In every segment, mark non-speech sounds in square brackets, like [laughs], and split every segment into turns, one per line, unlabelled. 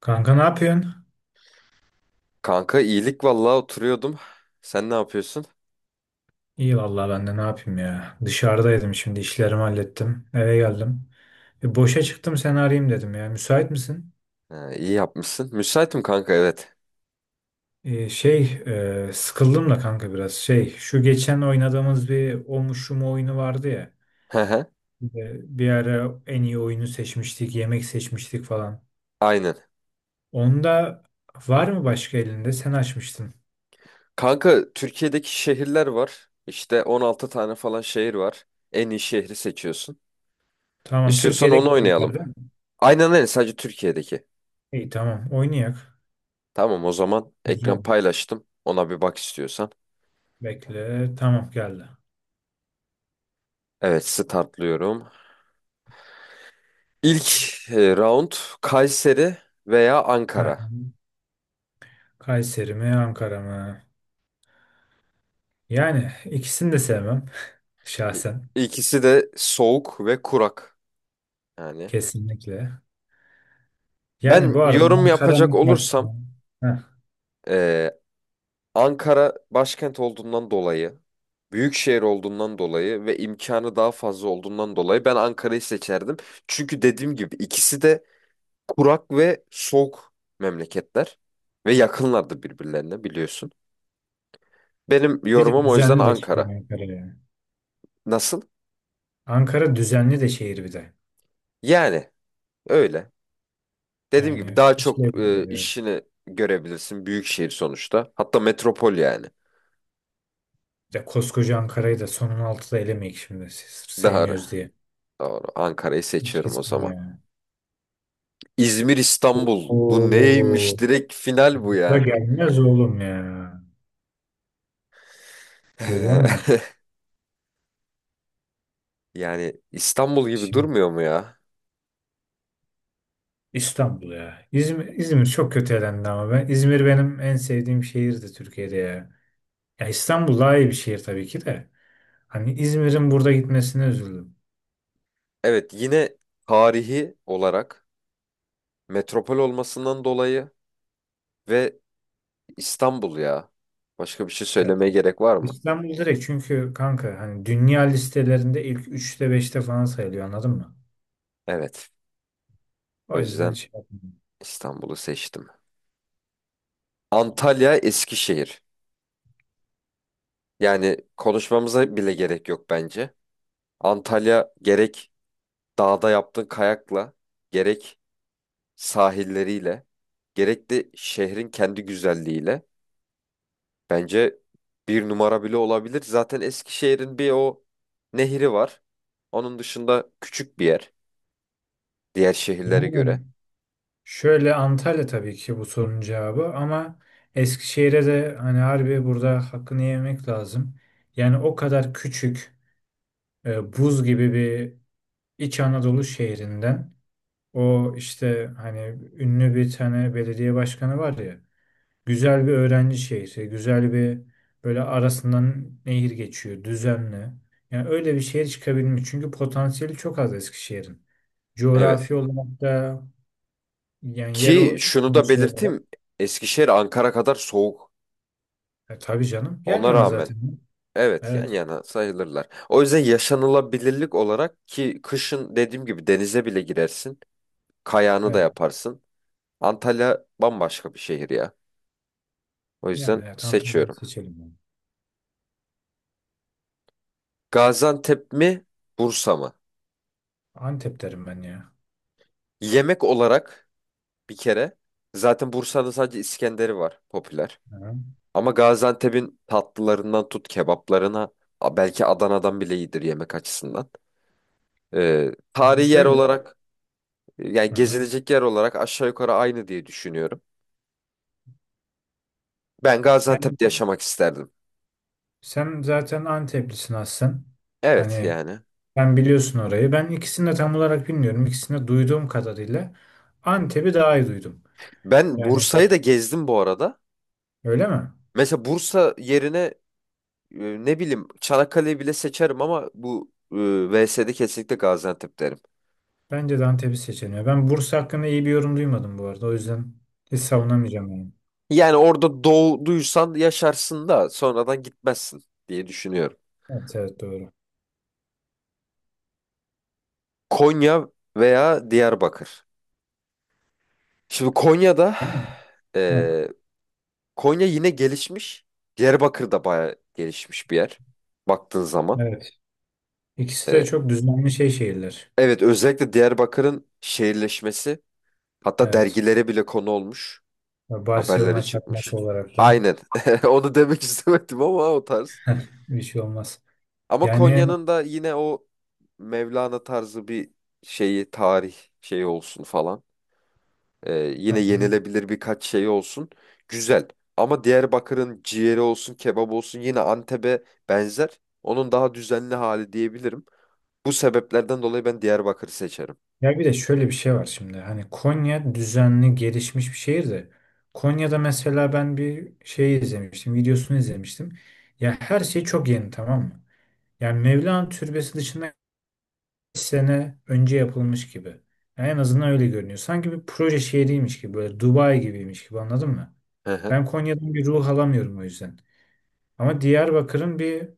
Kanka ne yapıyorsun?
Kanka iyilik vallahi oturuyordum. Sen ne yapıyorsun?
İyi vallahi ben de ne yapayım ya. Dışarıdaydım, şimdi işlerimi hallettim. Eve geldim. Boşa çıktım, seni arayayım dedim ya. Müsait misin?
Ha, iyi yapmışsın. Müsaitim kanka evet.
E, şey Sıkıldım da kanka biraz. Şu geçen oynadığımız bir o mu şu mu oyunu vardı ya.
Hı hı.
Bir ara en iyi oyunu seçmiştik. Yemek seçmiştik falan.
Aynen.
Onda var mı başka elinde? Sen açmıştın.
Kanka Türkiye'deki şehirler var. İşte 16 tane falan şehir var. En iyi şehri seçiyorsun.
Tamam,
İstiyorsan onu
Türkiye'deki
oynayalım.
şeyler değil mi?
Aynen öyle, sadece Türkiye'deki.
İyi, tamam, oynayak.
Tamam o zaman
Güzel,
ekran
olur.
paylaştım. Ona bir bak istiyorsan.
Bekle, tamam, geldi.
Evet, startlıyorum. İlk round Kayseri veya
Heh.
Ankara.
Kayseri mi, Ankara mı? Yani ikisini de sevmem
İ-
şahsen.
İkisi de soğuk ve kurak. Yani
Kesinlikle. Yani
ben
bu arada
yorum yapacak
Ankara'nın karşısında.
olursam
Heh,
eee, Ankara başkent olduğundan dolayı, büyük şehir olduğundan dolayı ve imkanı daha fazla olduğundan dolayı ben Ankara'yı seçerdim. Çünkü dediğim gibi ikisi de kurak ve soğuk memleketler ve yakınlardı birbirlerine, biliyorsun. Benim
bir de
yorumum o yüzden
düzenli de şehir
Ankara.
Ankara yani.
Nasıl?
Ankara düzenli de şehir bir de.
Yani öyle. Dediğim gibi
Yani
daha çok
seçilebilir, evet.
işini görebilirsin, büyük şehir sonuçta. Hatta metropol yani.
Ya koskoca Ankara'yı da sonun altıda elemeyik şimdi. Sırf
Doğru.
sevmiyoruz diye.
Doğru. Ankara'yı
Hiç
seçiyorum o
kesin
zaman.
ya.
İzmir, İstanbul.
Oo,
Bu neymiş? Direkt final bu
bu da
yani.
gelmez oğlum ya. Görüyor musun?
[laughs] Yani İstanbul gibi
Şimdi
durmuyor mu ya?
İstanbul ya. İzmir İzmir çok kötü elendi ama ben İzmir benim en sevdiğim şehirdi Türkiye'de ya. Ya İstanbul daha iyi bir şehir tabii ki de. Hani İzmir'in burada gitmesine üzüldüm.
Evet, yine tarihi olarak, metropol olmasından dolayı ve İstanbul ya. Başka bir şey
Evet,
söylemeye
evet.
gerek var mı?
İstanbul direkt çünkü kanka hani dünya listelerinde ilk üçte beşte falan sayılıyor, anladın mı?
Evet. O
O yüzden
yüzden
şey yapmadım.
İstanbul'u seçtim. Antalya, Eskişehir. Yani konuşmamıza bile gerek yok bence. Antalya gerek dağda yaptığın kayakla, gerek sahilleriyle, gerek de şehrin kendi güzelliğiyle bence bir numara bile olabilir. Zaten Eskişehir'in bir o nehri var. Onun dışında küçük bir yer diğer şehirlere göre.
Yani şöyle, Antalya tabii ki bu sorunun cevabı ama Eskişehir'e de hani harbi burada hakkını yemek lazım. Yani o kadar küçük, buz gibi bir İç Anadolu şehrinden o işte hani ünlü bir tane belediye başkanı var ya, güzel bir öğrenci şehri, güzel bir, böyle arasından nehir geçiyor düzenli. Yani öyle bir şehir çıkabilmiş çünkü potansiyeli çok az Eskişehir'in.
Evet.
Coğrafi olarak da yani yer
Ki
o
şunu da
şey olarak
belirteyim. Eskişehir Ankara kadar soğuk.
tabii canım, yan
Ona
yana
rağmen
zaten.
evet, yan
Evet.
yana sayılırlar. O yüzden yaşanılabilirlik olarak, ki kışın dediğim gibi denize bile girersin. Kayağını da
Evet.
yaparsın. Antalya bambaşka bir şehir ya. O
Yani
yüzden
evet, Antalya'yı
seçiyorum.
seçelim yani.
Gaziantep mi, Bursa mı?
Antep derim ben ya.
Yemek olarak bir kere zaten Bursa'nın sadece İskender'i var popüler.
Hı.
Ama Gaziantep'in tatlılarından tut kebaplarına, belki Adana'dan bile iyidir yemek açısından. Tarihi yer
Şöyle.
olarak yani
Hı hı.
gezilecek yer olarak aşağı yukarı aynı diye düşünüyorum. Ben
Yani,
Gaziantep'te yaşamak isterdim.
sen zaten Anteplisin aslen.
Evet
Hani
yani.
ben biliyorsun orayı. Ben ikisini de tam olarak bilmiyorum. İkisini de duyduğum kadarıyla Antep'i daha iyi duydum.
Ben
Yani
Bursa'yı da gezdim bu arada.
öyle mi?
Mesela Bursa yerine ne bileyim Çanakkale'yi bile seçerim, ama bu VS'de kesinlikle Gaziantep derim.
Bence de Antep'i seçeniyor. Ben Bursa hakkında iyi bir yorum duymadım bu arada. O yüzden hiç savunamayacağım yani.
Yani orada doğduysan yaşarsın da sonradan gitmezsin diye düşünüyorum.
Evet, evet, doğru.
Konya veya Diyarbakır. Şimdi Konya'da,
Değil mi? Heh,
e, Konya yine gelişmiş. Diyarbakır da bayağı gelişmiş bir yer baktığın zaman.
evet. İkisi de
E,
çok düzenli şey şehirler.
evet, özellikle Diyarbakır'ın şehirleşmesi hatta
Evet.
dergilere bile konu olmuş. Haberlere
Barcelona çakması
çıkmış.
olaraktan
Aynen. [laughs] Onu demek istemedim ama o tarz.
[laughs] bir şey olmaz.
Ama
Yani.
Konya'nın da yine o Mevlana tarzı bir şeyi, tarih şeyi olsun falan.
Hı
Yine
hı.
yenilebilir birkaç şey olsun. Güzel. Ama Diyarbakır'ın ciğeri olsun, kebap olsun yine Antep'e benzer. Onun daha düzenli hali diyebilirim. Bu sebeplerden dolayı ben Diyarbakır'ı seçerim.
Ya bir de şöyle bir şey var şimdi. Hani Konya düzenli gelişmiş bir şehir de Konya'da mesela ben bir şey izlemiştim, videosunu izlemiştim. Ya her şey çok yeni, tamam mı? Yani Mevlana Türbesi dışında kaç sene önce yapılmış gibi. Yani en azından öyle görünüyor. Sanki bir proje şehriymiş gibi, böyle Dubai gibiymiş gibi, anladın mı?
Hı hı.
Ben Konya'dan bir ruh alamıyorum o yüzden. Ama Diyarbakır'ın bir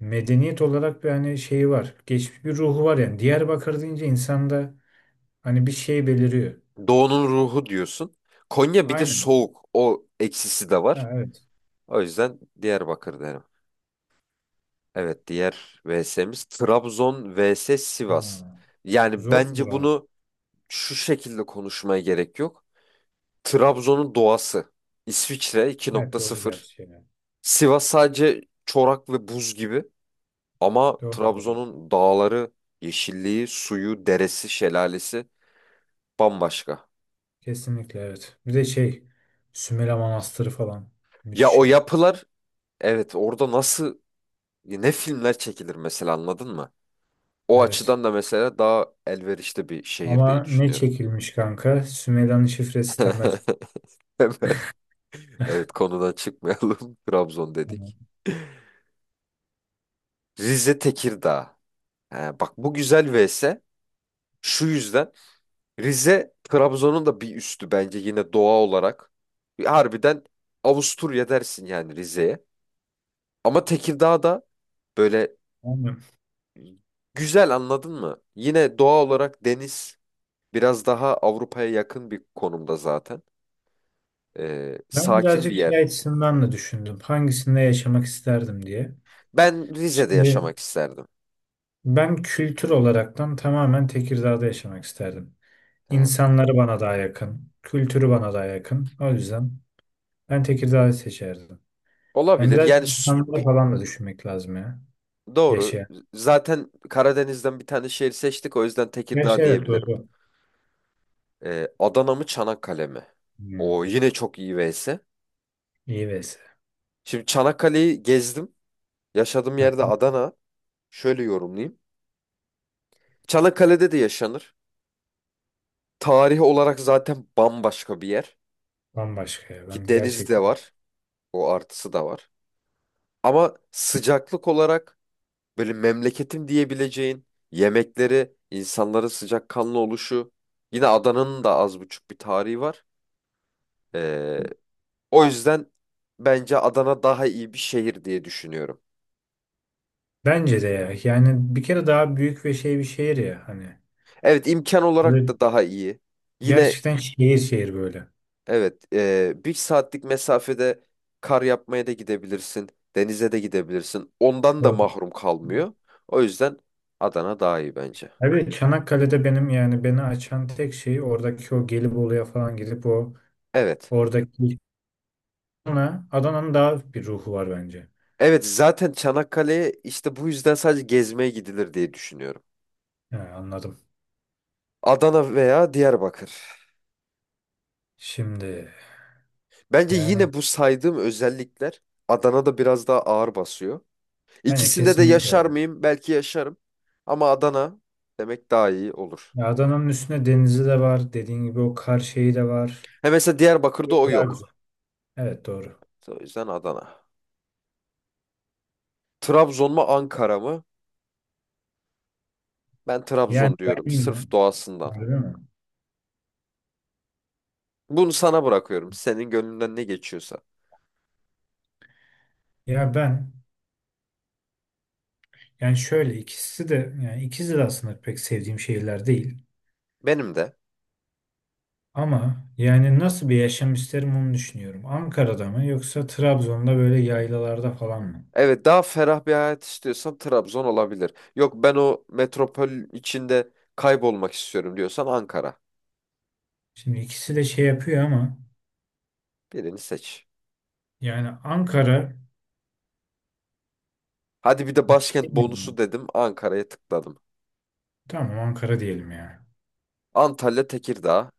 medeniyet olarak bir hani şeyi var. Geçmiş bir ruhu var yani. Diyarbakır deyince insanda hani bir şey beliriyor.
Doğu'nun ruhu diyorsun. Konya bir de
Aynen.
soğuk. O eksisi de
Ha,
var.
evet.
O yüzden Diyarbakır derim. Evet, diğer VS'miz Trabzon vs
Ha,
Sivas. Yani
zor
bence
soru abi.
bunu şu şekilde konuşmaya gerek yok. Trabzon'un doğası. İsviçre iki
Evet,
nokta
doğru
sıfır.
gerçi yani.
Sivas sadece çorak ve buz gibi, ama
Doğru, doğru.
Trabzon'un dağları, yeşilliği, suyu, deresi, şelalesi bambaşka.
Kesinlikle, evet. Bir de şey, Sümele Manastırı falan.
Ya
Müthiş
o
ya.
yapılar, evet, orada nasıl ne filmler çekilir mesela, anladın mı? O
Evet.
açıdan da mesela daha elverişli bir şehir diye
Ama ne
düşünüyorum.
çekilmiş kanka? Sümela'nın Şifresi Temel.
[laughs] Evet, konudan çıkmayalım. [laughs] Trabzon
Evet.
dedik. Rize, Tekirdağ. He, bak bu güzel vs. Şu yüzden Rize Trabzon'un da bir üstü bence yine doğa olarak. Harbiden Avusturya dersin yani Rize'ye. Ama Tekirdağ da böyle
Aynen.
güzel, anladın mı? Yine doğa olarak, deniz, biraz daha Avrupa'ya yakın bir konumda zaten.
Ben
Sakin bir
birazcık şey
yer.
açısından da düşündüm. Hangisinde yaşamak isterdim diye.
Ben Rize'de
Şimdi
yaşamak isterdim.
ben kültür olaraktan tamamen Tekirdağ'da yaşamak isterdim.
Yani
İnsanları bana daha yakın. Kültürü bana daha yakın. O yüzden ben Tekirdağ'ı seçerdim. Yani
olabilir.
biraz
Yani
insanlara
bir.
falan da düşünmek lazım ya.
Doğru.
Yaşayan.
Zaten Karadeniz'den bir tane şehir seçtik. O yüzden Tekirdağ
Gerçi evet,
diyebilirim.
doğru.
Adana mı Çanakkale mi? O
Hmm.
yine çok iyi vs.
İyi vs.
Şimdi Çanakkale'yi gezdim. Yaşadığım
Ha,
yerde Adana. Şöyle yorumlayayım. Çanakkale'de de yaşanır. Tarihi olarak zaten bambaşka bir yer.
bambaşka ya
Ki
ben
deniz de
gerçekten.
var. O artısı da var. Ama sıcaklık olarak böyle memleketim diyebileceğin yemekleri, insanların sıcakkanlı oluşu. Yine Adana'nın da az buçuk bir tarihi var. Ee, o yüzden bence Adana daha iyi bir şehir diye düşünüyorum.
Bence de ya. Yani bir kere daha büyük ve şey bir şehir ya hani.
Evet, imkan olarak
Böyle
da daha iyi. Yine
gerçekten şehir şehir böyle.
evet, bir saatlik mesafede kar yapmaya da gidebilirsin. Denize de gidebilirsin. Ondan da
Doğru.
mahrum kalmıyor. O yüzden Adana daha iyi bence.
Abi Çanakkale'de benim yani beni açan tek şey oradaki o Gelibolu'ya falan gidip o
Evet.
oradaki Adana'nın daha bir ruhu var bence.
Evet, zaten Çanakkale'ye işte bu yüzden sadece gezmeye gidilir diye düşünüyorum.
He, anladım.
Adana veya Diyarbakır.
Şimdi
Bence
yani
yine bu saydığım özellikler Adana'da biraz daha ağır basıyor.
bence
İkisinde de
kesinlikle
yaşar
ya.
mıyım? Belki yaşarım. Ama Adana demek daha iyi olur.
Ya Adana'nın üstünde denizi de var. Dediğin gibi o kar şeyi de var.
He, mesela Diyarbakır'da o
Güzel,
yok.
güzel. Evet, doğru.
O yüzden Adana. Trabzon mu Ankara mı? Ben
Yani
Trabzon diyorum
ben yine,
sırf doğasından.
harbi mi?
Bunu sana bırakıyorum. Senin gönlünden ne geçiyorsa.
Ya ben yani şöyle, ikisi de yani ikisi de aslında pek sevdiğim şehirler değil.
Benim de.
Ama yani nasıl bir yaşam isterim onu düşünüyorum. Ankara'da mı yoksa Trabzon'da böyle yaylalarda falan mı?
Evet, daha ferah bir hayat istiyorsan Trabzon olabilir. Yok, ben o metropol içinde kaybolmak istiyorum diyorsan Ankara.
Şimdi ikisi de şey yapıyor ama
Birini seç.
yani Ankara,
Hadi bir de başkent bonusu
bilmiyorum.
dedim, Ankara'ya tıkladım.
Tamam Ankara diyelim ya.
Antalya, Tekirdağ.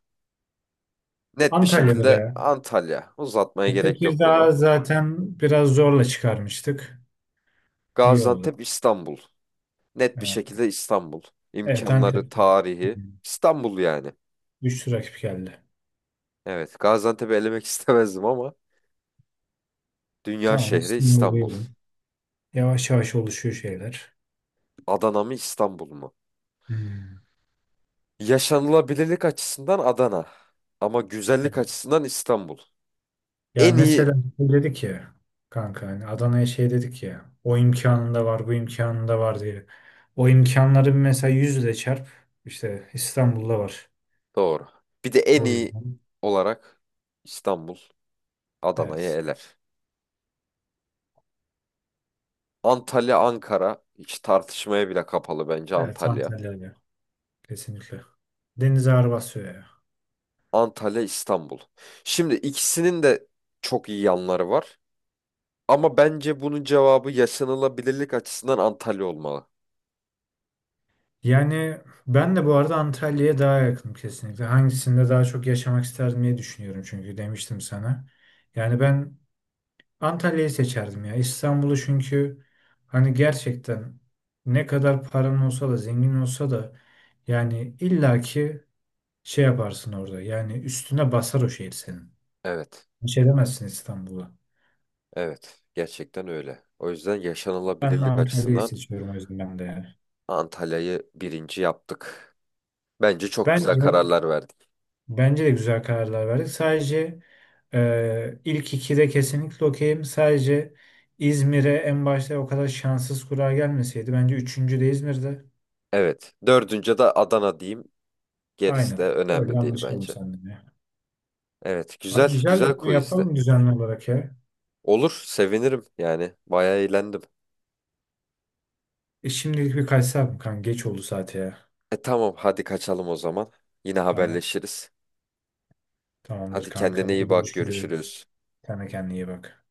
Net bir
Antalya'da
şekilde
ya.
Antalya. Uzatmaya gerek yok bunu.
Tekirdağ zaten biraz zorla çıkarmıştık. İyi oldu.
Gaziantep, İstanbul. Net bir
Evet,
şekilde İstanbul.
evet,
İmkanları,
Antep'te.
tarihi.
Hmm.
İstanbul yani.
Güçlü rakip geldi.
Evet, Gaziantep'i elemek [laughs] istemezdim ama dünya
Tamam
şehri İstanbul.
İstanbul'dayım. Yavaş yavaş oluşuyor şeyler.
Adana mı İstanbul mu?
Hmm.
Yaşanılabilirlik açısından Adana. Ama güzellik
Evet.
açısından İstanbul.
Ya
En iyi.
mesela şey dedik ya kanka hani Adana'ya şey dedik ya, o imkanında var bu imkanında var diye. O imkanları bir mesela yüzle çarp, işte İstanbul'da var.
Doğru. Bir de en
O
iyi
yüzden
olarak İstanbul Adana'yı
evet.
eler. Antalya, Ankara, hiç tartışmaya bile kapalı bence
Evet,
Antalya.
Antalya'ya kesinlikle. Deniz ağır basıyor ya.
Antalya, İstanbul. Şimdi ikisinin de çok iyi yanları var. Ama bence bunun cevabı yaşanılabilirlik açısından Antalya olmalı.
Yani ben de bu arada Antalya'ya daha yakınım kesinlikle. Hangisinde daha çok yaşamak isterdim diye düşünüyorum çünkü demiştim sana. Yani ben Antalya'yı seçerdim ya. İstanbul'u çünkü hani gerçekten ne kadar paran olsa da, zengin olsa da yani illaki şey yaparsın orada. Yani üstüne basar o şehir senin.
Evet,
Hiç edemezsin İstanbul'a.
evet. Gerçekten öyle. O yüzden
Ben
yaşanılabilirlik
Antalya'yı
açısından
seçiyorum o yüzden ben de yani.
Antalya'yı birinci yaptık. Bence çok güzel
Bence,
kararlar verdik.
bence de güzel kararlar verdik. Sadece ilk ikide kesinlikle okeyim. Sadece İzmir'e en başta o kadar şanssız kura gelmeseydi. Bence üçüncü de İzmir'de.
Evet, dördüncü de Adana diyeyim. Gerisi
Aynen.
de
Öyle
önemli değil
anlaşalım
bence.
seninle.
Evet,
Abi
güzel,
güzel, de
güzel
bunu
quizdi.
yapalım düzenli olarak ya.
Olur, sevinirim yani. Bayağı eğlendim.
Şimdilik bir kaçsam kanka. Geç oldu saate ya.
E tamam, hadi kaçalım o zaman. Yine
Tamam.
haberleşiriz.
Tamamdır
Hadi
kanka.
kendine
Hadi
iyi bak,
görüşürüz.
görüşürüz.
Sen de kendine iyi bak.